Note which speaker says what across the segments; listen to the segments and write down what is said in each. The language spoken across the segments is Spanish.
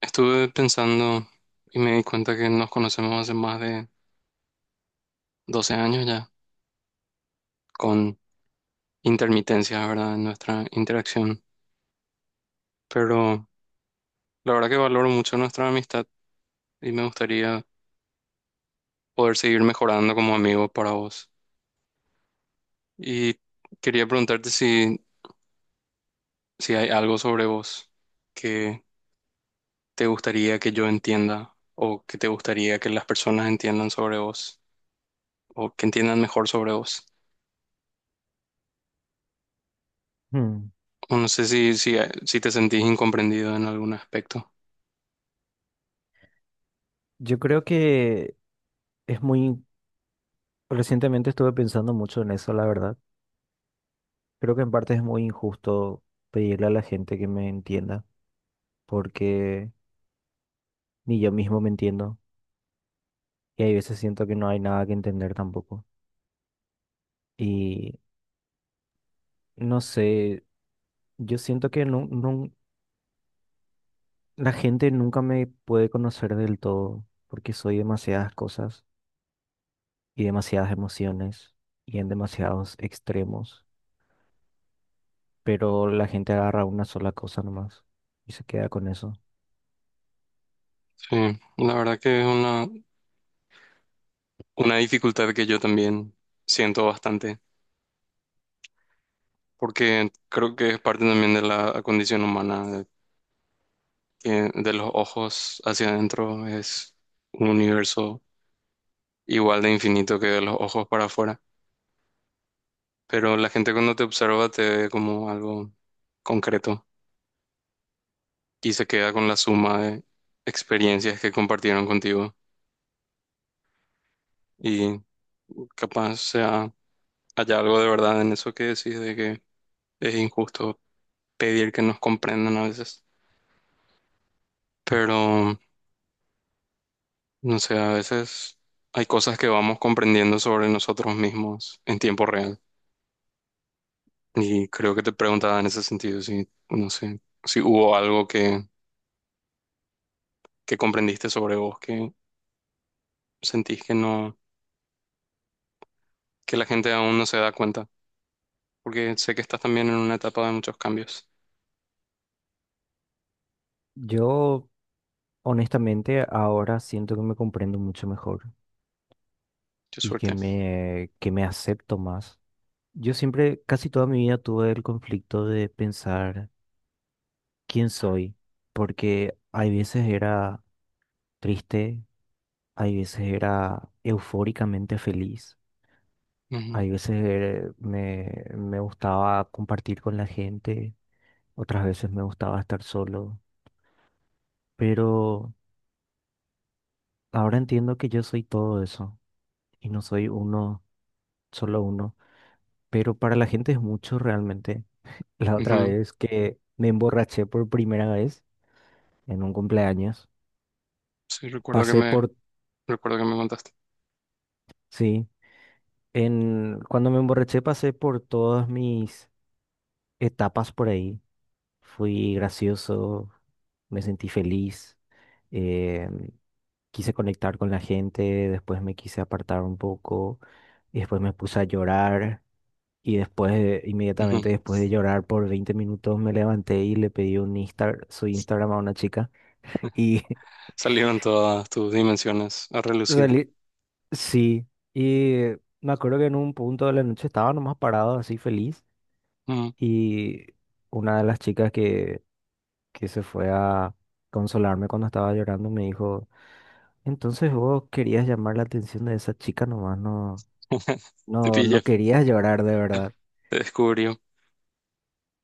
Speaker 1: Estuve pensando y me di cuenta que nos conocemos hace más de 12 años ya, con intermitencias, ¿verdad?, en nuestra interacción. Pero la verdad que valoro mucho nuestra amistad y me gustaría poder seguir mejorando como amigo para vos. Y quería preguntarte si hay algo sobre vos que te gustaría que yo entienda o que te gustaría que las personas entiendan sobre vos o que entiendan mejor sobre vos.
Speaker 2: Hmm.
Speaker 1: O no sé si te sentís incomprendido en algún aspecto.
Speaker 2: Yo creo que es muy, recientemente estuve pensando mucho en eso, la verdad. Creo que en parte es muy injusto pedirle a la gente que me entienda, porque ni yo mismo me entiendo y hay veces siento que no hay nada que entender tampoco. Y no sé, yo siento que la gente nunca me puede conocer del todo, porque soy demasiadas cosas y demasiadas emociones y en demasiados extremos. Pero la gente agarra una sola cosa nomás y se queda con eso.
Speaker 1: Sí, la verdad que es una dificultad que yo también siento bastante, porque creo que es parte también de la condición humana, que de los ojos hacia adentro es un universo igual de infinito que de los ojos para afuera, pero la gente cuando te observa te ve como algo concreto y se queda con la suma de experiencias que compartieron contigo y capaz sea, haya algo de verdad en eso que decís de que es injusto pedir que nos comprendan a veces, pero no sé, a veces hay cosas que vamos comprendiendo sobre nosotros mismos en tiempo real. Y creo que te preguntaba en ese sentido si, no sé, si hubo algo que comprendiste sobre vos que sentís que no, que la gente aún no se da cuenta, porque sé que estás también en una etapa de muchos cambios.
Speaker 2: Yo, honestamente, ahora siento que me comprendo mucho mejor
Speaker 1: Qué
Speaker 2: y que
Speaker 1: suerte.
Speaker 2: me, que me acepto más. Yo siempre, casi toda mi vida tuve el conflicto de pensar quién soy, porque hay veces era triste, hay veces era eufóricamente feliz,
Speaker 1: Ujú,
Speaker 2: hay veces me gustaba compartir con la gente, otras veces me gustaba estar solo, pero... ahora entiendo que yo soy todo eso y no soy uno, solo uno, pero para la gente es mucho realmente. La otra
Speaker 1: ujú.
Speaker 2: vez que me emborraché por primera vez en un cumpleaños,
Speaker 1: Sí,
Speaker 2: pasé por,
Speaker 1: recuerdo que me contaste.
Speaker 2: sí, cuando me emborraché pasé por todas mis etapas por ahí. Fui gracioso, me sentí feliz, eh, quise conectar con la gente, después me quise apartar un poco y después me puse a llorar. Y después, inmediatamente
Speaker 1: Ujú.
Speaker 2: después de llorar por 20 minutos, me levanté y le pedí su Instagram a una chica. Y
Speaker 1: Salieron todas tus dimensiones a relucir.
Speaker 2: salí, sí. Y me acuerdo que en un punto de la noche estaba nomás parado, así feliz.
Speaker 1: Ujú.
Speaker 2: Y una de las chicas que se fue a consolarme cuando estaba llorando me dijo, entonces vos querías llamar la atención de esa chica nomás, no,
Speaker 1: Te
Speaker 2: no,
Speaker 1: pillé.
Speaker 2: no querías llorar de verdad.
Speaker 1: Te descubrió.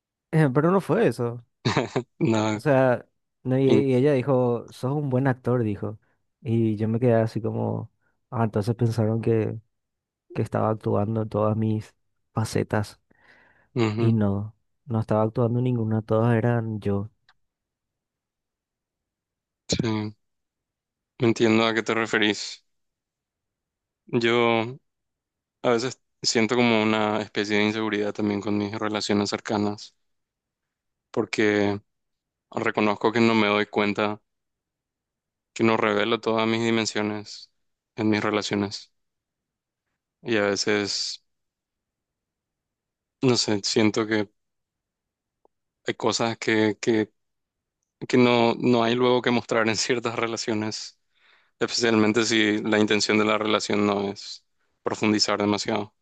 Speaker 2: Pero no fue eso. O
Speaker 1: No,
Speaker 2: sea, no, y,
Speaker 1: in-
Speaker 2: y ella dijo, sos un buen actor, dijo. Y yo me quedé así como, ah, entonces pensaron que estaba actuando en todas mis facetas. Y
Speaker 1: ujú,
Speaker 2: no, no estaba actuando en ninguna, todas eran yo.
Speaker 1: sí, entiendo a qué te referís. Yo a veces siento como una especie de inseguridad también con mis relaciones cercanas, porque reconozco que no me doy cuenta, que no revelo todas mis dimensiones en mis relaciones. Y a veces, no sé, siento que hay cosas que no, no hay luego que mostrar en ciertas relaciones, especialmente si la intención de la relación no es profundizar demasiado.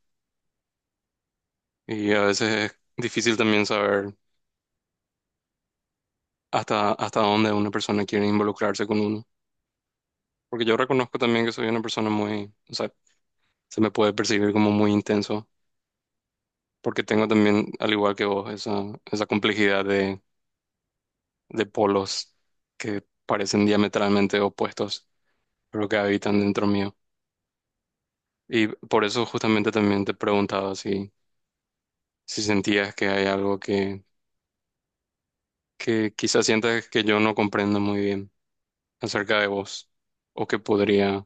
Speaker 1: Y a veces es difícil también saber hasta dónde una persona quiere involucrarse con uno. Porque yo reconozco también que soy una persona muy, o sea, se me puede percibir como muy intenso, porque tengo también, al igual que vos, esa complejidad de polos que parecen diametralmente opuestos, pero que habitan dentro mío. Y por eso justamente también te preguntaba si sentías que hay algo que quizás sientas que yo no comprendo muy bien acerca de vos, o que podría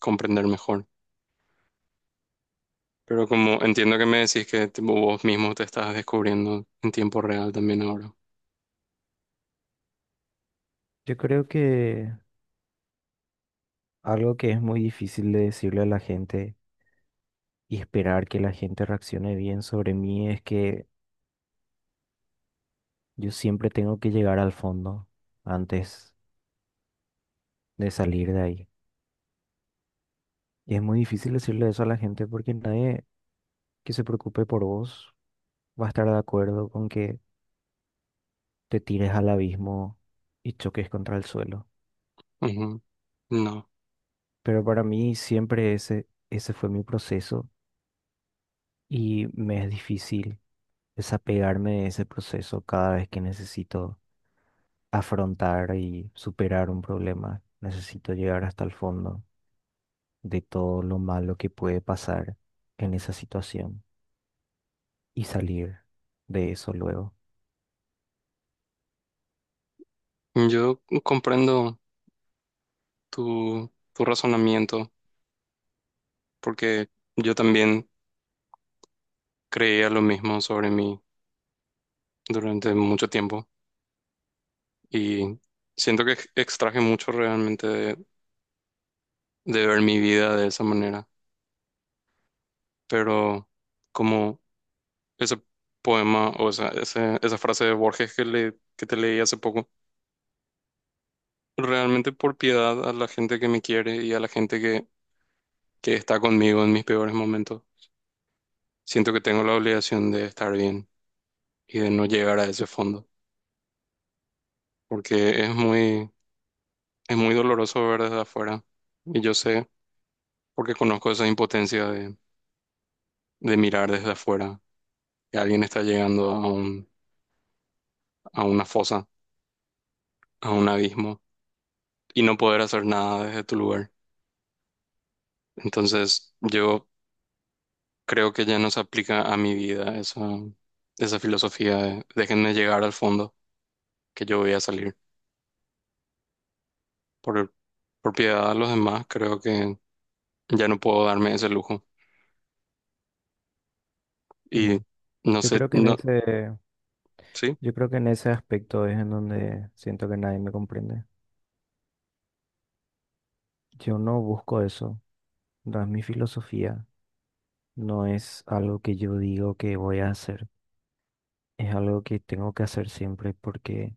Speaker 1: comprender mejor. Pero como entiendo que me decís que tipo, vos mismo te estás descubriendo en tiempo real también ahora.
Speaker 2: Yo creo que algo que es muy difícil de decirle a la gente y esperar que la gente reaccione bien sobre mí es que yo siempre tengo que llegar al fondo antes de salir de ahí. Y es muy difícil decirle eso a la gente porque nadie que se preocupe por vos va a estar de acuerdo con que te tires al abismo y choques contra el suelo.
Speaker 1: Ujú. No,
Speaker 2: Pero para mí siempre ese fue mi proceso y me es difícil desapegarme de ese proceso cada vez que necesito afrontar y superar un problema. Necesito llegar hasta el fondo de todo lo malo que puede pasar en esa situación y salir de eso luego.
Speaker 1: yo comprendo tu razonamiento porque yo también creía lo mismo sobre mí durante mucho tiempo y siento que extraje mucho realmente de ver mi vida de esa manera. Pero como ese poema o esa frase de Borges que te leí hace poco realmente por piedad a la gente que me quiere y a la gente que está conmigo en mis peores momentos. Siento que tengo la obligación de estar bien y de no llegar a ese fondo, porque es muy doloroso ver desde afuera. Y yo sé, porque conozco esa impotencia de mirar desde afuera, que alguien está llegando a un, a una fosa, a un abismo, y no poder hacer nada desde tu lugar. Entonces, yo creo que ya no se aplica a mi vida esa filosofía de déjenme llegar al fondo que yo voy a salir. Por, por piedad a los demás, creo que ya no puedo darme ese lujo.
Speaker 2: Mm.
Speaker 1: Y no
Speaker 2: Yo
Speaker 1: sé.
Speaker 2: creo que en
Speaker 1: No.
Speaker 2: ese,
Speaker 1: Sí.
Speaker 2: yo creo que en ese aspecto es en donde siento que nadie me comprende. Yo no busco eso, no es mi filosofía, no es algo que yo digo que voy a hacer, es algo que tengo que hacer siempre porque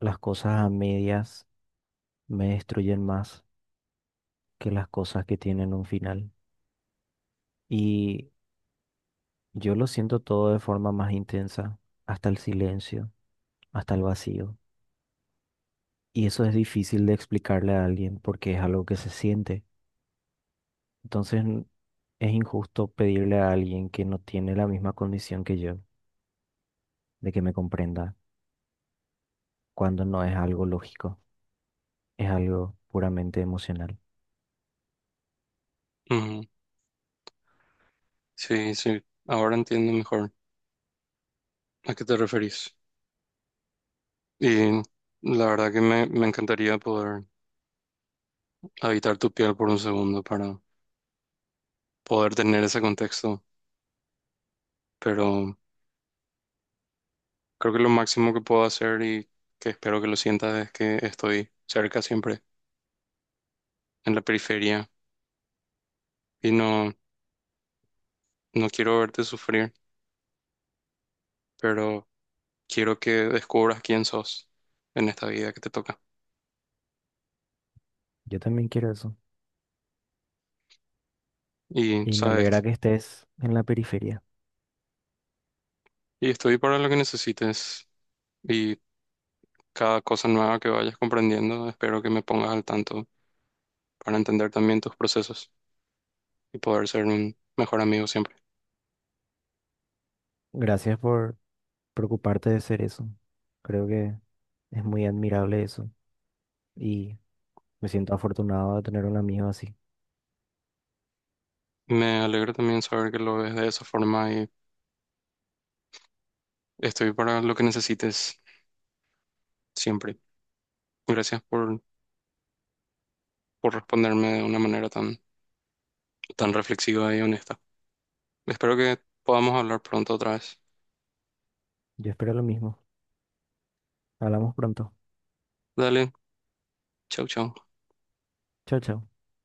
Speaker 2: las cosas a medias me destruyen más que las cosas que tienen un final. Y yo lo siento todo de forma más intensa, hasta el silencio, hasta el vacío. Y eso es difícil de explicarle a alguien porque es algo que se siente. Entonces es injusto pedirle a alguien que no tiene la misma condición que yo de que me comprenda, cuando no es algo lógico, es algo puramente emocional.
Speaker 1: Ujú. Sí, sí, ahora entiendo mejor a qué te referís. Y la verdad que me encantaría poder habitar tu piel por un segundo para poder tener ese contexto, pero creo que lo máximo que puedo hacer y que espero que lo sientas es que estoy cerca siempre, en la periferia, y no quiero verte sufrir, pero quiero que descubras quién sos en esta vida que te toca.
Speaker 2: Yo también quiero eso
Speaker 1: Y
Speaker 2: y me
Speaker 1: sabes,
Speaker 2: alegra que estés en la periferia.
Speaker 1: y estoy para lo que necesites. Y cada cosa nueva que vayas comprendiendo, espero que me pongas al tanto para entender también tus procesos y poder ser un mejor amigo siempre.
Speaker 2: Gracias por preocuparte de ser eso. Creo que es muy admirable eso y me siento afortunado de tener un amigo así.
Speaker 1: Me alegro también saber que lo ves de esa forma y estoy para lo que necesites siempre. Gracias por responderme de una manera tan reflexiva y honesta. Espero que podamos hablar pronto otra vez.
Speaker 2: Yo espero lo mismo. Hablamos pronto.
Speaker 1: Dale, chau, chau.
Speaker 2: Chao, chao.